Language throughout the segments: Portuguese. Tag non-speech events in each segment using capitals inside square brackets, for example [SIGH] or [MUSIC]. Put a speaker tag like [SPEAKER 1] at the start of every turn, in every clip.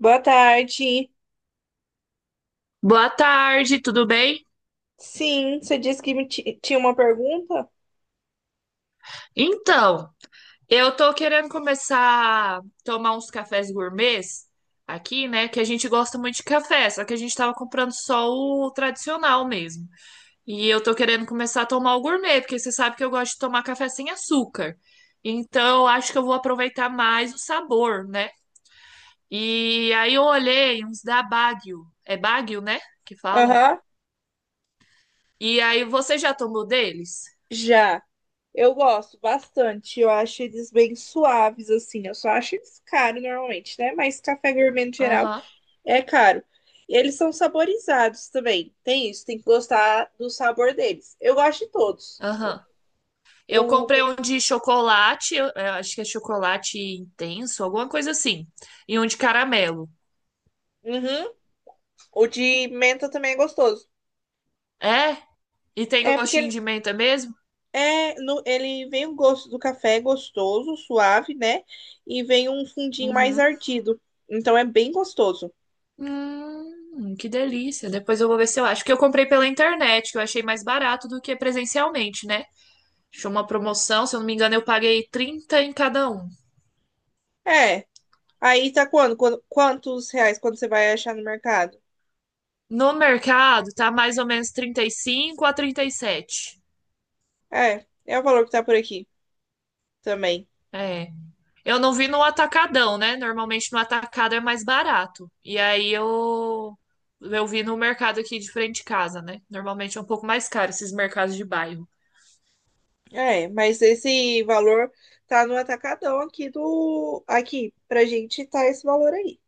[SPEAKER 1] Boa tarde.
[SPEAKER 2] Boa tarde, tudo bem?
[SPEAKER 1] Sim, você disse que me tinha uma pergunta?
[SPEAKER 2] Então, eu tô querendo começar a tomar uns cafés gourmets aqui, né? Que a gente gosta muito de café, só que a gente tava comprando só o tradicional mesmo. E eu tô querendo começar a tomar o gourmet, porque você sabe que eu gosto de tomar café sem açúcar. Então, eu acho que eu vou aproveitar mais o sabor, né? E aí eu olhei uns da Baguio. É Baguio, né? Que fala.
[SPEAKER 1] Aham,
[SPEAKER 2] E aí, você já tomou deles?
[SPEAKER 1] já. Eu gosto bastante. Eu acho eles bem suaves, assim. Eu só acho eles caros normalmente, né? Mas café gourmet no geral
[SPEAKER 2] Aham,
[SPEAKER 1] é caro. E eles são saborizados também. Tem isso, tem que gostar do sabor deles. Eu gosto de todos.
[SPEAKER 2] aham. Eu
[SPEAKER 1] O,
[SPEAKER 2] comprei um de chocolate, eu acho que é chocolate intenso, alguma coisa assim. E um de caramelo.
[SPEAKER 1] uhum, o de menta também é gostoso.
[SPEAKER 2] É? E tem
[SPEAKER 1] É porque
[SPEAKER 2] gostinho
[SPEAKER 1] ele
[SPEAKER 2] de menta mesmo?
[SPEAKER 1] É, ele vem o gosto do café gostoso, suave, né? E vem um fundinho mais
[SPEAKER 2] Uhum.
[SPEAKER 1] ardido. Então é bem gostoso.
[SPEAKER 2] Que delícia. Depois eu vou ver se eu acho. Que eu comprei pela internet, que eu achei mais barato do que presencialmente, né? Achei uma promoção, se eu não me engano, eu paguei 30 em cada um.
[SPEAKER 1] É. Aí tá quando? Quando, quantos reais quando você vai achar no mercado?
[SPEAKER 2] No mercado, tá mais ou menos 35 a 37.
[SPEAKER 1] É, é o valor que tá por aqui também.
[SPEAKER 2] É. Eu não vi no atacadão, né? Normalmente no atacado é mais barato. E aí eu vi no mercado aqui de frente de casa, né? Normalmente é um pouco mais caro esses mercados de bairro.
[SPEAKER 1] É, mas esse valor tá no atacadão aqui do. Aqui, pra gente tá esse valor aí.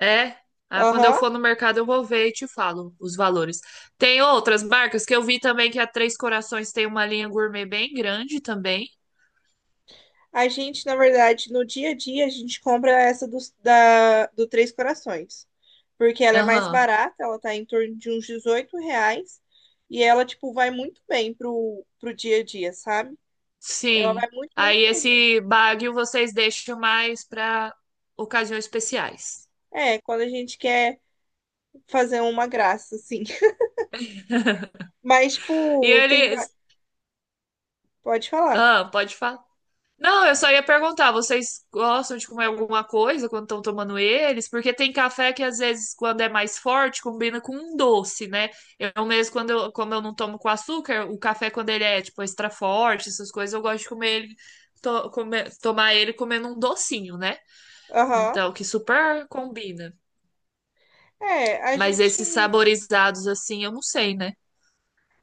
[SPEAKER 2] É. Ah, quando eu
[SPEAKER 1] Aham.
[SPEAKER 2] for no mercado eu vou ver e te falo os valores. Tem outras marcas que eu vi também que a Três Corações tem uma linha gourmet bem grande também.
[SPEAKER 1] A gente, na verdade, no dia a dia, a gente compra essa do Três Corações. Porque ela é mais
[SPEAKER 2] Aham.
[SPEAKER 1] barata, ela tá em torno de uns 18 reais. E ela, tipo, vai muito bem pro dia a dia, sabe? Ela vai
[SPEAKER 2] Sim.
[SPEAKER 1] muito, muito
[SPEAKER 2] Aí
[SPEAKER 1] bem mesmo.
[SPEAKER 2] esse Baguio vocês deixam mais para ocasiões especiais.
[SPEAKER 1] É, quando a gente quer fazer uma graça, assim. [LAUGHS] Mas,
[SPEAKER 2] E
[SPEAKER 1] tipo, tem.
[SPEAKER 2] eles,
[SPEAKER 1] Pode falar.
[SPEAKER 2] ah, pode falar. Não, eu só ia perguntar, vocês gostam de comer alguma coisa quando estão tomando eles? Porque tem café que às vezes, quando é mais forte, combina com um doce, né? Eu mesmo, quando eu, como eu não tomo com açúcar, o café, quando ele é, tipo, extra forte, essas coisas, eu gosto de comer ele, tomar ele comendo um docinho, né?
[SPEAKER 1] Aham.
[SPEAKER 2] Então, que super combina.
[SPEAKER 1] É,
[SPEAKER 2] Mas esses saborizados, assim, eu não sei, né?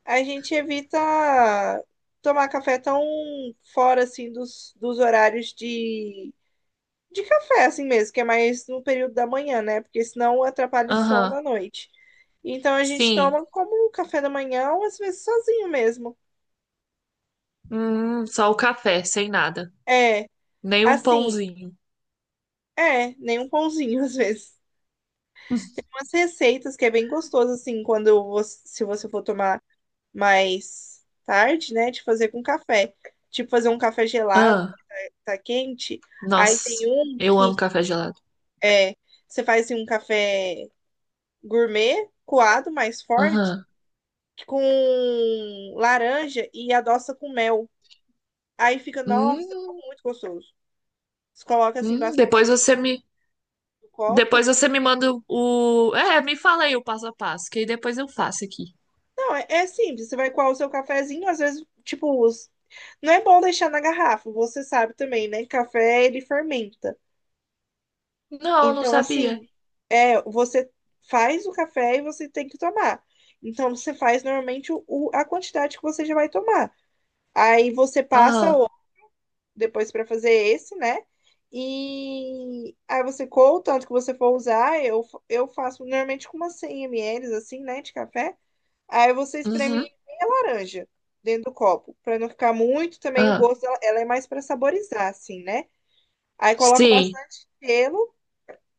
[SPEAKER 1] a gente evita tomar café tão fora, assim, dos horários de café, assim mesmo, que é mais no período da manhã, né? Porque senão atrapalha o sono
[SPEAKER 2] Aham,
[SPEAKER 1] à noite. Então a gente
[SPEAKER 2] sim.
[SPEAKER 1] toma como um café da manhã, ou às vezes sozinho mesmo.
[SPEAKER 2] Só o café, sem nada.
[SPEAKER 1] É,
[SPEAKER 2] Nem um
[SPEAKER 1] assim,
[SPEAKER 2] pãozinho.
[SPEAKER 1] é, nem um pãozinho [LAUGHS] às vezes. Umas receitas que é bem gostoso, assim, quando você, se você for tomar mais tarde, né? De fazer com café. Tipo, fazer um café gelado,
[SPEAKER 2] Ah.
[SPEAKER 1] tá quente. Aí tem
[SPEAKER 2] Nossa,
[SPEAKER 1] um
[SPEAKER 2] eu
[SPEAKER 1] que
[SPEAKER 2] amo café gelado.
[SPEAKER 1] é, você faz assim, um café gourmet, coado, mais forte,
[SPEAKER 2] Aham.
[SPEAKER 1] com laranja e adoça com mel. Aí fica, nossa, ficou
[SPEAKER 2] Hum,
[SPEAKER 1] muito gostoso. Você coloca assim
[SPEAKER 2] hum, depois
[SPEAKER 1] bastante
[SPEAKER 2] você me,
[SPEAKER 1] no
[SPEAKER 2] depois
[SPEAKER 1] copo.
[SPEAKER 2] você me manda o, é, me fala aí o passo a passo, que aí depois eu faço aqui.
[SPEAKER 1] Não, é, é simples. Você vai coar o seu cafezinho, às vezes, tipo, não é bom deixar na garrafa. Você sabe também, né? Café ele fermenta.
[SPEAKER 2] Não, não
[SPEAKER 1] Então,
[SPEAKER 2] sabia.
[SPEAKER 1] assim, é, você faz o café e você tem que tomar. Então, você faz normalmente a quantidade que você já vai tomar. Aí você passa
[SPEAKER 2] Aham.
[SPEAKER 1] depois para fazer esse, né? E aí você coa o tanto que você for usar, eu faço normalmente com umas 100 ml, assim, né, de café. Aí você espreme
[SPEAKER 2] Uhum.
[SPEAKER 1] meia laranja dentro do copo, para não ficar muito também o
[SPEAKER 2] Ah,
[SPEAKER 1] gosto, ela é mais para saborizar, assim, né? Aí coloca
[SPEAKER 2] sim.
[SPEAKER 1] bastante gelo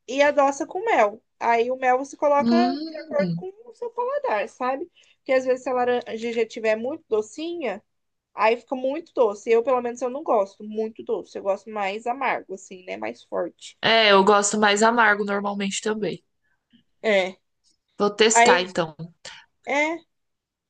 [SPEAKER 1] e adoça com mel. Aí o mel você coloca de acordo
[SPEAKER 2] Hum.
[SPEAKER 1] com o seu paladar, sabe? Porque às vezes se a laranja já estiver muito docinha, aí fica muito doce. Eu, pelo menos, eu não gosto muito doce. Eu gosto mais amargo, assim, né? Mais forte.
[SPEAKER 2] É, eu gosto mais amargo normalmente também.
[SPEAKER 1] É.
[SPEAKER 2] Vou testar
[SPEAKER 1] Aí,
[SPEAKER 2] então.
[SPEAKER 1] é,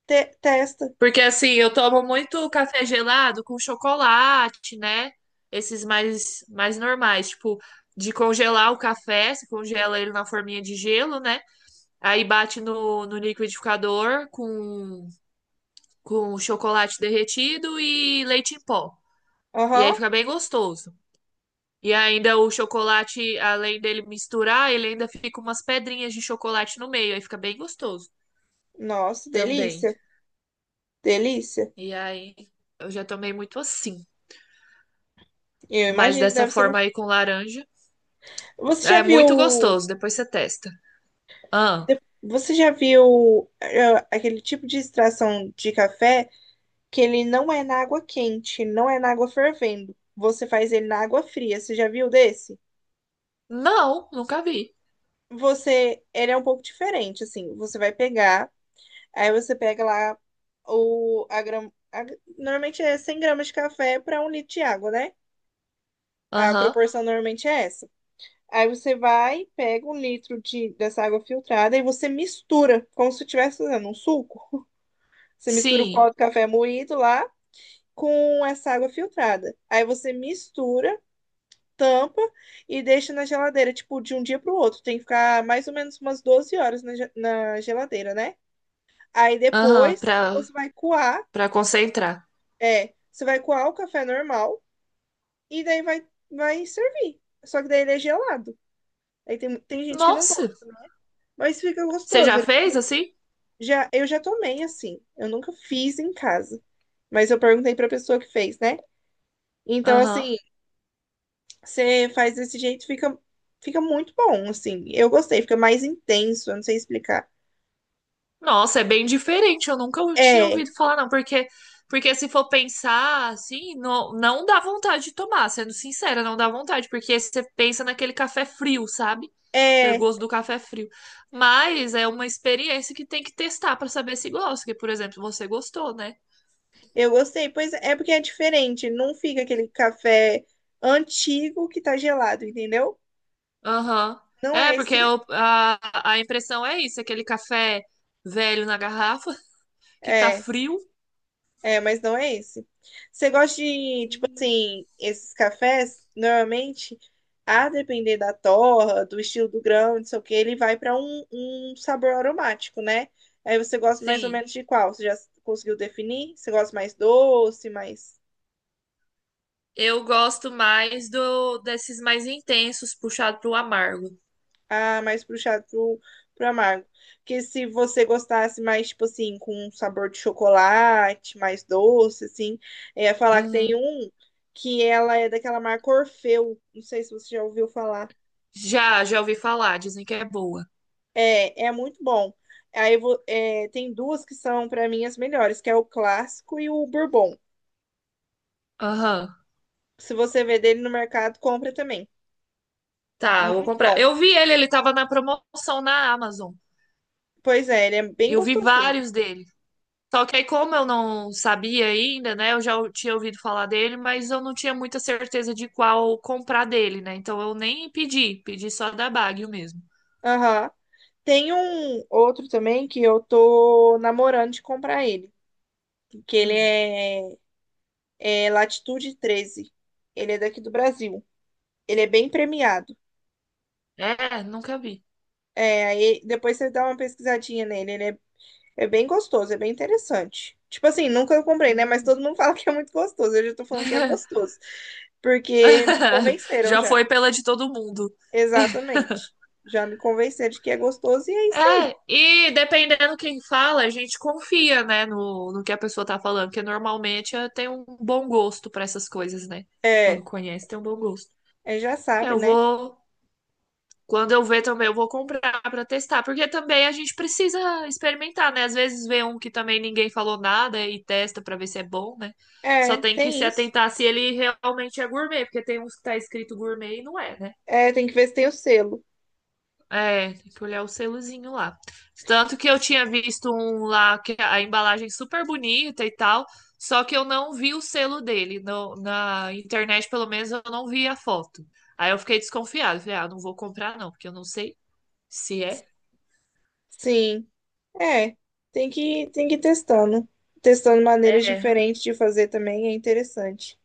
[SPEAKER 1] testa.
[SPEAKER 2] Porque assim, eu tomo muito café gelado com chocolate, né? Esses mais normais, tipo de congelar o café, se congela ele na forminha de gelo, né? Aí bate no, no liquidificador com chocolate derretido e leite em pó. E aí
[SPEAKER 1] Aham.
[SPEAKER 2] fica bem gostoso. E ainda o chocolate, além dele misturar, ele ainda fica umas pedrinhas de chocolate no meio. Aí fica bem gostoso
[SPEAKER 1] Nossa,
[SPEAKER 2] também.
[SPEAKER 1] delícia. Delícia.
[SPEAKER 2] E aí eu já tomei muito assim.
[SPEAKER 1] Eu
[SPEAKER 2] Mas
[SPEAKER 1] imagino que
[SPEAKER 2] dessa
[SPEAKER 1] deve ser
[SPEAKER 2] forma
[SPEAKER 1] gostoso.
[SPEAKER 2] aí com laranja.
[SPEAKER 1] Você já
[SPEAKER 2] É muito
[SPEAKER 1] viu.
[SPEAKER 2] gostoso. Depois você testa. Ah,
[SPEAKER 1] Você já viu aquele tipo de extração de café que ele não é na água quente, não é na água fervendo. Você faz ele na água fria. Você já viu desse?
[SPEAKER 2] não, nunca vi.
[SPEAKER 1] Você, ele é um pouco diferente, assim. Você vai pegar. Aí você pega lá a grama. Normalmente é 100 gramas de café para 1 litro de água, né? A
[SPEAKER 2] Aham.
[SPEAKER 1] proporção normalmente é essa. Aí você vai, pega 1 litro de, dessa água filtrada e você mistura, como se estivesse fazendo um suco. Você mistura o
[SPEAKER 2] Sim.
[SPEAKER 1] pó do café moído lá com essa água filtrada. Aí você mistura, tampa e deixa na geladeira, tipo, de um dia para o outro. Tem que ficar mais ou menos umas 12 horas na, na geladeira, né? Aí
[SPEAKER 2] Aham,
[SPEAKER 1] depois
[SPEAKER 2] pra,
[SPEAKER 1] você vai coar.
[SPEAKER 2] pra concentrar.
[SPEAKER 1] É, você vai coar o café normal e daí vai servir. Só que daí ele é gelado. Aí tem, tem gente que não
[SPEAKER 2] Nossa,
[SPEAKER 1] gosta, né? Mas fica
[SPEAKER 2] você
[SPEAKER 1] gostoso.
[SPEAKER 2] já fez assim?
[SPEAKER 1] Já, eu já tomei assim. Eu nunca fiz em casa. Mas eu perguntei pra pessoa que fez, né? Então,
[SPEAKER 2] Aham.
[SPEAKER 1] assim, você faz desse jeito, fica, fica muito bom, assim. Eu gostei, fica mais intenso, eu não sei explicar.
[SPEAKER 2] Nossa, é bem diferente. Eu nunca tinha
[SPEAKER 1] É,
[SPEAKER 2] ouvido falar, não. Porque, porque se for pensar assim, não, não dá vontade de tomar. Sendo sincera, não dá vontade. Porque você pensa naquele café frio, sabe? Eu
[SPEAKER 1] é,
[SPEAKER 2] gosto do café frio. Mas é uma experiência que tem que testar pra saber se gosta. Que, por exemplo, você gostou, né?
[SPEAKER 1] eu gostei. Pois é, é porque é diferente. Não fica aquele café antigo que tá gelado, entendeu?
[SPEAKER 2] Aham.
[SPEAKER 1] Não
[SPEAKER 2] É,
[SPEAKER 1] é
[SPEAKER 2] porque
[SPEAKER 1] esse.
[SPEAKER 2] eu- a impressão é isso, aquele café velho na garrafa, [LAUGHS] que tá
[SPEAKER 1] É,
[SPEAKER 2] frio.
[SPEAKER 1] é, mas não é esse. Você gosta de, tipo
[SPEAKER 2] Uhum.
[SPEAKER 1] assim, esses cafés, normalmente, a depender da torra, do estilo do grão, não sei o que, ele vai para um sabor aromático, né? Aí você gosta mais ou
[SPEAKER 2] Sim.
[SPEAKER 1] menos de qual? Você já conseguiu definir? Você gosta mais doce, mais.
[SPEAKER 2] Eu gosto mais do desses mais intensos, puxado pro amargo.
[SPEAKER 1] Ah, mais puxado pro, pro amargo. Porque se você gostasse mais, tipo assim, com um sabor de chocolate, mais doce, assim, é falar que tem
[SPEAKER 2] Uhum.
[SPEAKER 1] um que ela é daquela marca Orfeu. Não sei se você já ouviu falar.
[SPEAKER 2] Já, já ouvi falar, dizem que é boa.
[SPEAKER 1] É, é muito bom. É, tem duas que são, pra mim, as melhores, que é o clássico e o bourbon.
[SPEAKER 2] Aham.
[SPEAKER 1] Se você vê dele no mercado, compra também.
[SPEAKER 2] Tá, vou
[SPEAKER 1] Muito
[SPEAKER 2] comprar.
[SPEAKER 1] bom.
[SPEAKER 2] Eu vi ele, ele tava na promoção na Amazon.
[SPEAKER 1] Pois é, ele é bem
[SPEAKER 2] Eu vi
[SPEAKER 1] gostosinho.
[SPEAKER 2] vários dele. Só que aí, como eu não sabia ainda, né? Eu tinha ouvido falar dele, mas eu não tinha muita certeza de qual comprar dele, né? Então eu nem pedi, pedi só da Baguio mesmo.
[SPEAKER 1] Aham. Tem um outro também que eu tô namorando de comprar ele, que ele
[SPEAKER 2] Hum.
[SPEAKER 1] é, é Latitude 13. Ele é daqui do Brasil. Ele é bem premiado.
[SPEAKER 2] É, nunca vi.
[SPEAKER 1] É, aí depois você dá uma pesquisadinha nele. Ele é, é bem gostoso, é bem interessante. Tipo assim, nunca comprei, né? Mas
[SPEAKER 2] Hum.
[SPEAKER 1] todo mundo [LAUGHS] fala que é muito gostoso. Eu já tô falando que é
[SPEAKER 2] [LAUGHS]
[SPEAKER 1] gostoso, porque me convenceram
[SPEAKER 2] Já
[SPEAKER 1] já.
[SPEAKER 2] foi pela de todo mundo.
[SPEAKER 1] Exatamente. Já me convenceram de que é gostoso e é isso aí.
[SPEAKER 2] É, e dependendo quem fala, a gente confia, né, no, no que a pessoa tá falando, porque normalmente tem um bom gosto pra essas coisas, né? Quando
[SPEAKER 1] É,
[SPEAKER 2] conhece, tem um bom gosto.
[SPEAKER 1] Já
[SPEAKER 2] É,
[SPEAKER 1] sabe,
[SPEAKER 2] eu
[SPEAKER 1] né?
[SPEAKER 2] vou, quando eu ver também, eu vou comprar pra testar, porque também a gente precisa experimentar, né? Às vezes vê um que também ninguém falou nada e testa pra ver se é bom, né? Só
[SPEAKER 1] É,
[SPEAKER 2] tem que se
[SPEAKER 1] tem isso.
[SPEAKER 2] atentar se ele realmente é gourmet, porque tem uns que tá escrito gourmet e não é, né?
[SPEAKER 1] É, tem que ver se tem o selo.
[SPEAKER 2] É, tem que olhar o selozinho lá. Tanto que eu tinha visto um lá que a embalagem super bonita e tal, só que eu não vi o selo dele. Na internet, pelo menos, eu não vi a foto. Aí eu fiquei desconfiado. Falei, ah, não vou comprar não, porque eu não sei se é.
[SPEAKER 1] Sim, é. Tem que ir testando. Testando maneiras
[SPEAKER 2] É,
[SPEAKER 1] diferentes de fazer também é interessante.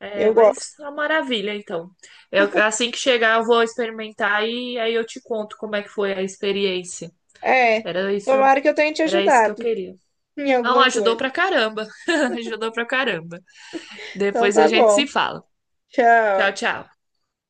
[SPEAKER 2] é,
[SPEAKER 1] Eu gosto.
[SPEAKER 2] mas é uma maravilha, então. Eu- assim que chegar, eu vou experimentar e aí eu te conto como é que foi a experiência.
[SPEAKER 1] É.
[SPEAKER 2] Era isso,
[SPEAKER 1] Tomara que eu tenha te
[SPEAKER 2] era isso que eu
[SPEAKER 1] ajudado
[SPEAKER 2] queria.
[SPEAKER 1] [LAUGHS] em
[SPEAKER 2] Não,
[SPEAKER 1] alguma
[SPEAKER 2] ajudou pra
[SPEAKER 1] coisa.
[SPEAKER 2] caramba. [LAUGHS] Ajudou pra caramba.
[SPEAKER 1] Então
[SPEAKER 2] Depois a
[SPEAKER 1] tá
[SPEAKER 2] gente se
[SPEAKER 1] bom.
[SPEAKER 2] fala.
[SPEAKER 1] Tchau.
[SPEAKER 2] Tchau, tchau.